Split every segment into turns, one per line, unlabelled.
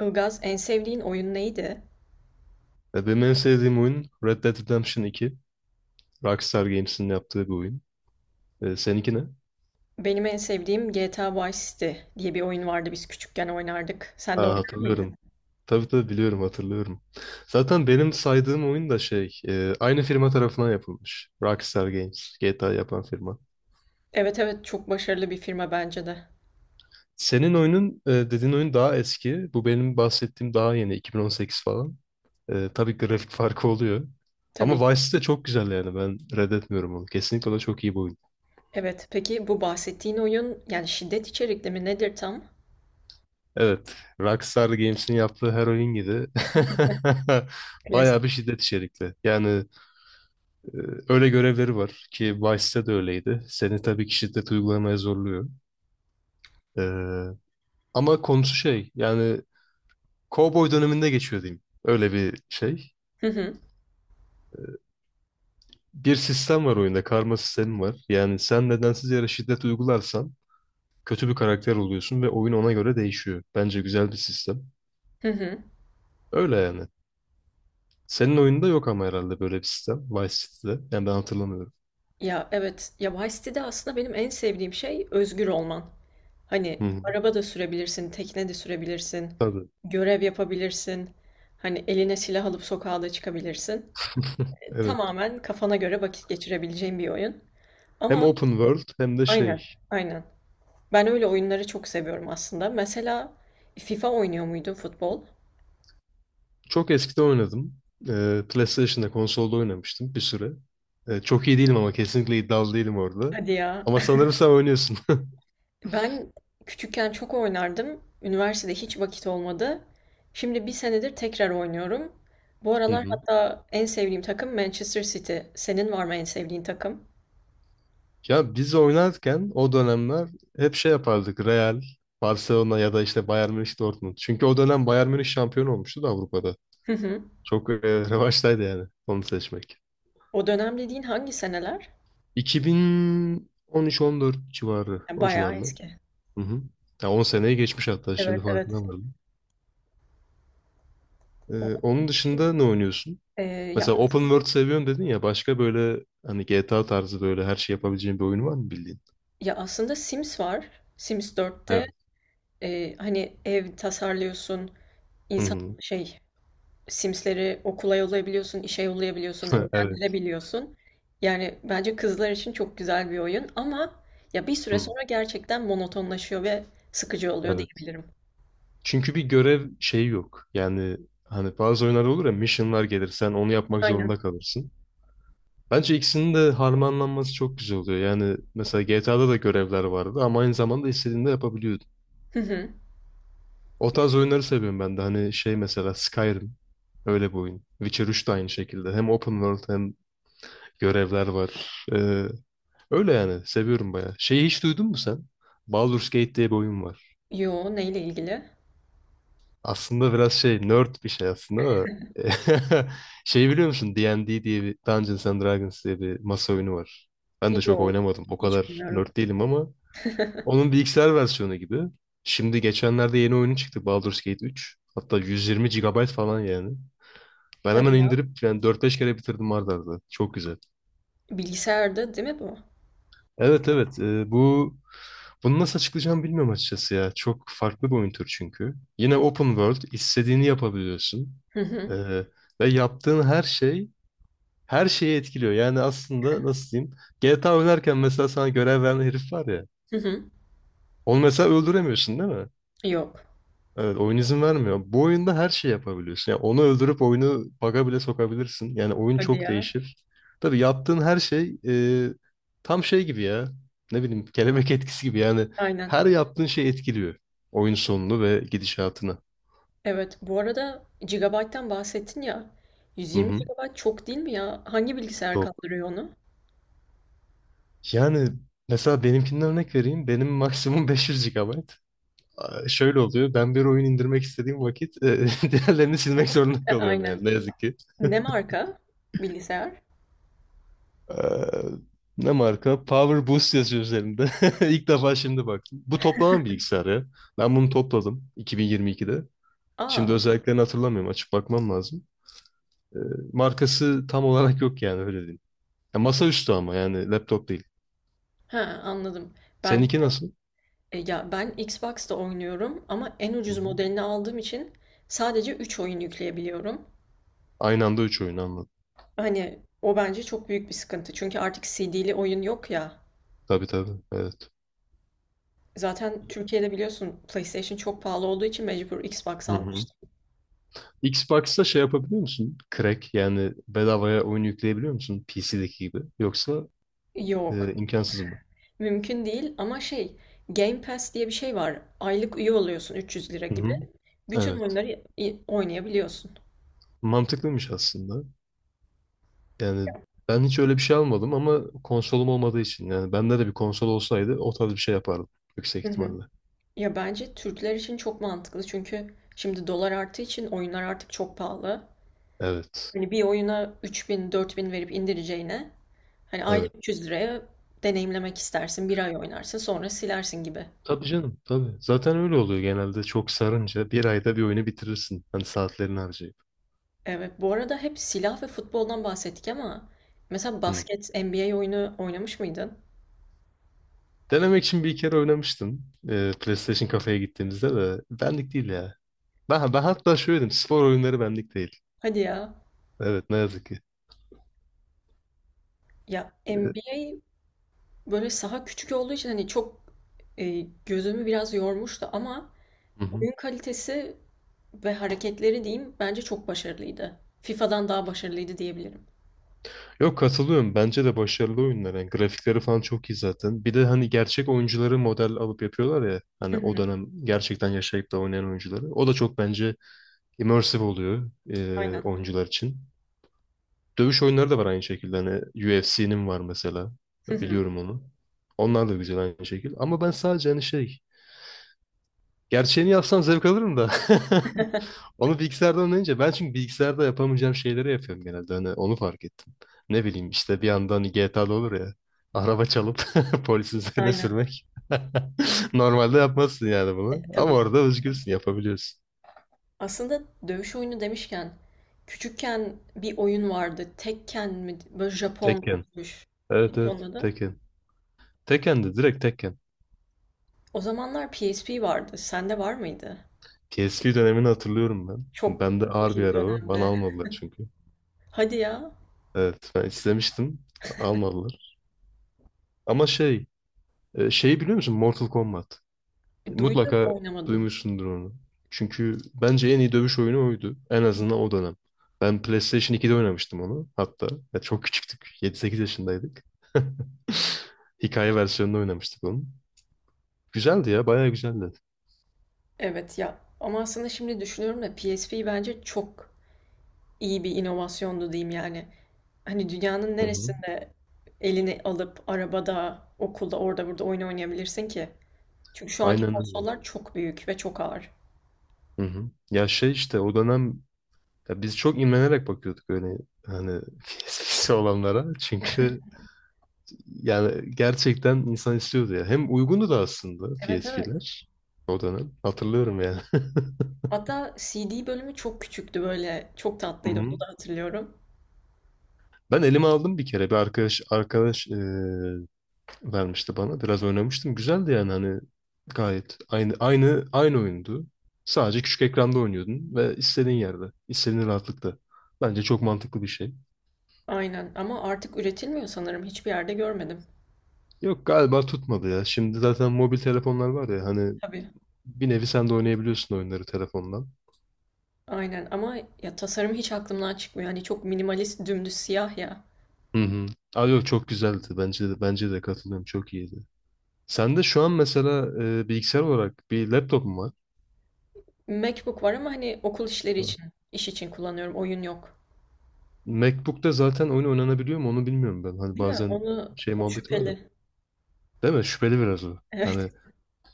Ilgaz, en sevdiğin oyun neydi?
Benim en sevdiğim oyun Red Dead Redemption 2. Rockstar Games'in yaptığı bir oyun. Seninki ne?
Benim en sevdiğim GTA Vice City diye bir oyun vardı, biz küçükken oynardık. Sen de
Aa,
oynar mıydın?
hatırlıyorum. Tabii tabii biliyorum hatırlıyorum. Zaten benim saydığım oyun da şey aynı firma tarafından yapılmış. Rockstar Games GTA yapan firma.
Evet, evet, çok başarılı bir firma bence de.
Senin oyunun dediğin oyun daha eski. Bu benim bahsettiğim daha yeni 2018 falan. Tabii grafik farkı oluyor.
Tabii
Ama
ki.
Vice City de çok güzel yani ben reddetmiyorum onu. Kesinlikle o da çok iyi bir oyun.
Evet, peki bu bahsettiğin oyun yani şiddet içerikli mi nedir tam?
Evet. Rockstar Games'in yaptığı her oyun gibi
Klasik.
bayağı bir şiddet içerikli. Yani e, öyle görevleri var ki Vice'de de öyleydi. Seni tabii ki şiddet uygulamaya zorluyor. E, Ama konusu şey yani Cowboy döneminde geçiyor diyeyim. Öyle bir şey.
Hı hı.
Bir sistem var oyunda. Karma sistemi var. Yani sen nedensiz yere şiddet uygularsan kötü bir karakter oluyorsun ve oyun ona göre değişiyor. Bence güzel bir sistem.
Hı hı.
Öyle yani. Senin oyunda yok ama herhalde böyle bir sistem. Vice City'de. Yani ben hatırlamıyorum.
Ya evet, ya Vice City'de aslında benim en sevdiğim şey özgür olman.
Hı
Hani
hı.
araba da sürebilirsin, tekne de sürebilirsin,
Tabii.
görev yapabilirsin. Hani eline silah alıp sokağa da çıkabilirsin.
Evet.
Tamamen kafana göre vakit geçirebileceğin bir oyun.
Hem
Ama
open world hem de
aynen,
şey.
aynen. Ben öyle oyunları çok seviyorum aslında. Mesela FIFA oynuyor muydun, futbol?
Çok eskide oynadım. PlayStation'da konsolda oynamıştım bir süre. Çok iyi değilim ama kesinlikle iddialı değilim orada.
Hadi ya.
Ama sanırım sen oynuyorsun.
Ben küçükken çok oynardım. Üniversitede hiç vakit olmadı. Şimdi bir senedir tekrar oynuyorum. Bu
Hı
aralar
hı.
hatta en sevdiğim takım Manchester City. Senin var mı en sevdiğin takım?
Ya biz oynarken o dönemler hep şey yapardık. Real, Barcelona ya da işte Bayern Münih, Dortmund. Çünkü o dönem Bayern Münih şampiyon olmuştu da Avrupa'da.
Hı hı.
Çok revaçtaydı yani onu seçmek.
O dönem dediğin hangi seneler?
2013-14 civarı
Ya,
o
bayağı
civarlar.
eski.
Hı hı. Ya 10 seneye geçmiş hatta şimdi
Evet, evet.
farkına vardım.
Onun
Onun
için,
dışında ne oynuyorsun?
e, ya
Mesela open world seviyorum dedin ya başka böyle hani GTA tarzı böyle her şey yapabileceğin bir oyun var mı bildiğin?
Ya aslında Sims var. Sims 4'te,
Evet.
hani ev tasarlıyorsun,
Hı
insan
hı.
şey Sims'leri okula yollayabiliyorsun, işe yollayabiliyorsun,
Evet.
evlendirebiliyorsun. Yani bence kızlar için çok güzel bir oyun ama ya bir süre
Hı.
sonra gerçekten monotonlaşıyor ve sıkıcı oluyor
Evet.
diyebilirim.
Çünkü bir görev şeyi yok. Yani hani bazı oyunlarda olur ya missionlar gelir sen onu yapmak zorunda
Aynen.
kalırsın. Bence ikisinin de harmanlanması çok güzel oluyor. Yani mesela GTA'da da görevler vardı ama aynı zamanda istediğinde yapabiliyorsun.
Hı hı.
O tarz oyunları seviyorum ben de. Hani şey mesela Skyrim. Öyle bir oyun. Witcher 3 de aynı şekilde. Hem open world hem görevler var. Öyle yani. Seviyorum bayağı. Şeyi hiç duydun mu sen? Baldur's Gate diye bir oyun var.
Yo, neyle ilgili?
Aslında biraz şey nerd bir şey aslında da. Şey biliyor musun? D&D diye bir Dungeons and Dragons diye bir masa oyunu var. Ben de çok
Yo,
oynamadım. O
hiç
kadar
bilmiyorum.
nerd değilim ama onun bilgisayar versiyonu gibi. Şimdi geçenlerde yeni oyunu çıktı Baldur's Gate 3. Hatta 120 gigabayt falan yani. Ben hemen
Hadi ya.
indirip yani 4-5 kere bitirdim arda arda. Çok güzel.
Bilgisayarda değil mi bu?
Evet evet, bunu nasıl açıklayacağımı bilmiyorum açıkçası ya. Çok farklı bir oyun türü çünkü. Yine open world istediğini yapabiliyorsun.
Hı hı.
E, Ve yaptığın her şeyi etkiliyor. Yani aslında nasıl diyeyim? GTA oynarken mesela sana görev veren herif var ya.
Hı hı.
Onu mesela öldüremiyorsun değil mi?
Yok.
Evet, oyun izin vermiyor. Bu oyunda her şey yapabiliyorsun. Yani onu öldürüp oyunu bug'a bile sokabilirsin. Yani oyun
Hadi
çok
ya.
değişir. Tabii yaptığın her şey tam şey gibi ya. Ne bileyim, kelebek etkisi gibi. Yani
Aynen.
her yaptığın şey etkiliyor oyun sonunu ve gidişatını.
Evet, bu arada GB'dan bahsettin ya.
Hı
120
hı.
gigabayt çok değil mi ya? Hangi bilgisayar
Çok.
kaldırıyor onu?
Yani mesela benimkinden örnek vereyim. Benim maksimum 500 GB. Aa, şöyle oluyor. Ben bir oyun indirmek istediğim vakit diğerlerini silmek zorunda
E,
kalıyorum
aynen.
yani ne yazık ki.
Ne marka bilgisayar?
Eee, Ne marka? Power Boost yazıyor üzerinde. İlk defa şimdi baktım. Bu toplama bilgisayarı ya. Ben bunu topladım 2022'de. Şimdi
Aa,
özelliklerini hatırlamıyorum. Açıp bakmam lazım. Eee, Markası tam olarak yok yani öyle diyeyim. Ya masaüstü ama yani laptop değil.
ha, anladım. Ben
Seninki nasıl?
e, ya ben Xbox'ta oynuyorum ama en ucuz
Hı-hı.
modelini aldığım için sadece 3 oyun yükleyebiliyorum.
Aynı anda üç oyun, anladım.
Hani o bence çok büyük bir sıkıntı. Çünkü artık CD'li oyun yok ya.
Tabii tabii. Evet.
Zaten Türkiye'de biliyorsun PlayStation çok pahalı olduğu için mecbur Xbox
Hı-hı.
almıştım.
Xbox'ta şey yapabiliyor musun? Crack yani bedavaya oyun yükleyebiliyor musun? PC'deki gibi. Yoksa
Yok,
imkansız mı?
mümkün değil ama şey, Game Pass diye bir şey var. Aylık üye oluyorsun 300 lira gibi.
Hı-hı.
Bütün oyunları i- oynayabiliyorsun.
Mantıklıymış aslında. Yani ben hiç öyle bir şey almadım ama konsolum olmadığı için yani bende de bir konsol olsaydı o tarz bir şey yapardım yüksek
Hı hı.
ihtimalle.
Ya bence Türkler için çok mantıklı çünkü şimdi dolar arttığı için oyunlar artık çok pahalı.
Evet.
Hani bir oyuna 3000 4000 verip indireceğine, hani ayda
Evet.
300 liraya deneyimlemek istersin. Bir ay oynarsın sonra silersin gibi.
Tabii canım tabii. Zaten öyle oluyor genelde, çok sarınca bir ayda bir oyunu bitirirsin. Hani saatlerini harcayıp.
Evet, bu arada hep silah ve futboldan bahsettik ama mesela
Hı.
basket NBA oyunu oynamış mıydın?
Denemek için bir kere oynamıştım. PlayStation kafeye gittiğimizde de benlik değil ya. Ben hatta şöyle dedim, spor oyunları benlik değil.
Hadi ya.
Evet ne yazık ki.
Ya
Ee,
NBA. Böyle saha küçük olduğu için hani çok e, gözümü biraz yormuştu ama
Hı hı.
oyun kalitesi ve hareketleri diyeyim bence çok başarılıydı. FIFA'dan daha başarılıydı diyebilirim.
Yok, katılıyorum. Bence de başarılı oyunlar. Yani grafikleri falan çok iyi zaten. Bir de hani gerçek oyuncuları model alıp yapıyorlar ya.
Hı
Hani o
hı.
dönem gerçekten yaşayıp da oynayan oyuncuları. O da çok bence immersive oluyor
Aynen.
oyuncular için. Dövüş oyunları da var aynı şekilde. Hani UFC'nin var mesela.
Hı hı.
Biliyorum onu. Onlar da güzel aynı şekilde. Ama ben sadece hani şey... Gerçeğini yapsam zevk alırım da. Onu bilgisayardan oynayınca ben, çünkü bilgisayarda yapamayacağım şeyleri yapıyorum genelde. Hani onu fark ettim. Ne bileyim işte, bir yandan hani GTA'da olur ya. Araba çalıp polisin üzerine
Aynen.
sürmek. Normalde yapmazsın yani
E,
bunu. Ama
tabii.
orada özgürsün, yapabiliyorsun.
Aslında dövüş oyunu demişken, küçükken bir oyun vardı. Tekken mi? Böyle Japon
Tekken.
dövüş.
Evet
Neydi onun
evet,
adı?
Tekken. Tekken de direkt Tekken.
O zamanlar PSP vardı. Sende var mıydı?
PSP dönemini hatırlıyorum ben.
Çok
Bende
çok
ağır bir
iyi bir
araba. Bana
dönemde.
almadılar çünkü.
Hadi ya.
Evet ben istemiştim. Almadılar. Ama şey şeyi biliyor musun? Mortal Kombat.
Duydum,
Mutlaka
oynamadım.
duymuşsundur onu. Çünkü bence en iyi dövüş oyunu oydu. En azından o dönem. Ben PlayStation 2'de oynamıştım onu hatta. Ya çok küçüktük. 7-8 yaşındaydık. Hikaye versiyonunu oynamıştık onun. Güzeldi ya, bayağı güzeldi.
Evet ya, ama aslında şimdi düşünüyorum da PSP bence çok iyi bir inovasyondu diyeyim yani. Hani dünyanın
Hı hı.
neresinde elini alıp arabada, okulda, orada burada oyun oynayabilirsin ki? Çünkü şu anki
Aynen öyle.
konsollar çok büyük ve çok ağır.
Hı hı. Ya şey işte o dönem, ya biz çok imrenerek bakıyorduk öyle hani eskisi olanlara. Çünkü yani gerçekten insan istiyordu ya. Hem uygundu da aslında
Evet, evet.
PSP'ler o dönem. Hatırlıyorum yani.
Hatta CD bölümü çok küçüktü böyle. Çok
Hı
tatlıydı, onu
hı.
da hatırlıyorum.
Ben elime aldım bir kere. Bir arkadaş vermişti bana. Biraz oynamıştım. Güzeldi yani, hani gayet aynı oyundu. Sadece küçük ekranda oynuyordun ve istediğin yerde, istediğin rahatlıkta. Bence çok mantıklı bir şey.
Aynen, ama artık üretilmiyor sanırım. Hiçbir yerde görmedim.
Yok galiba tutmadı ya. Şimdi zaten mobil telefonlar var ya, hani
Tabii.
bir nevi sen de oynayabiliyorsun oyunları telefondan.
Aynen, ama ya tasarım hiç aklımdan çıkmıyor. Hani çok minimalist, dümdüz siyah ya.
Hı hı. Aa, yok çok güzeldi. Bence de, bence de katılıyorum. Çok iyiydi. Sen de şu an mesela bilgisayar olarak bir laptop mu
MacBook var ama hani okul işleri
var?
için, iş için kullanıyorum. Oyun yok.
MacBook'ta zaten oyun oynanabiliyor mu onu bilmiyorum ben. Hani
Değil mi?
bazen
Onu
şey
o
muhabbeti var ya.
şüpheli.
Değil mi? Şüpheli biraz o.
Evet.
Hani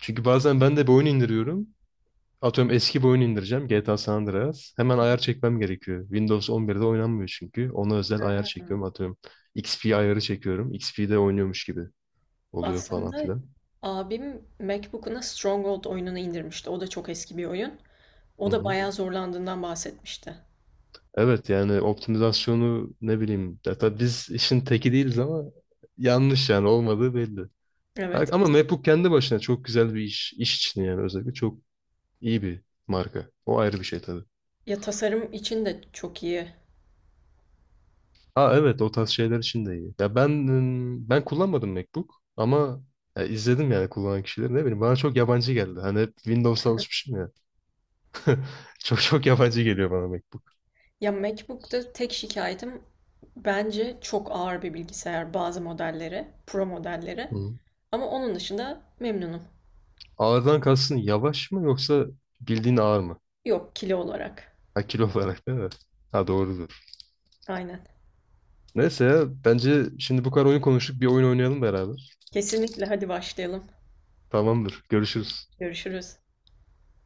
çünkü bazen ben de bir oyun indiriyorum. Atıyorum eski bir oyun indireceğim. GTA San Andreas. Hemen ayar çekmem gerekiyor. Windows 11'de oynanmıyor çünkü. Ona özel ayar
Ha.
çekiyorum. Atıyorum XP ayarı çekiyorum. XP'de oynuyormuş gibi oluyor falan
Aslında
filan.
abim MacBook'una Stronghold oyununu indirmişti. O da çok eski bir oyun.
Hı
O da
hı.
bayağı zorlandığından bahsetmişti.
Evet yani optimizasyonu, ne bileyim. Ya tabii biz işin teki değiliz ama yanlış yani, olmadığı belli.
Evet.
Ama
Kesin.
MacBook kendi başına çok güzel bir iş. İş için yani özellikle çok iyi bir marka. O ayrı bir şey tabii.
Ya tasarım için de çok iyi.
Ha evet, o tarz şeyler için de iyi. Ya ben kullanmadım MacBook ama ya izledim yani kullanan kişileri, ne bileyim, bana çok yabancı geldi. Hani hep Windows'a alışmışım ya. Çok çok yabancı geliyor bana MacBook.
Ya MacBook'ta tek şikayetim bence çok ağır bir bilgisayar, bazı modelleri, pro modelleri.
Hı.
Ama onun dışında memnunum.
Ağırdan kalsın yavaş mı, yoksa bildiğin ağır mı?
Yok, kilo olarak.
Ha kilo olarak değil mi? Ha doğrudur.
Aynen.
Neyse ya, bence şimdi bu kadar oyun konuştuk, bir oyun oynayalım beraber.
Kesinlikle, hadi başlayalım.
Tamamdır. Görüşürüz.
Görüşürüz.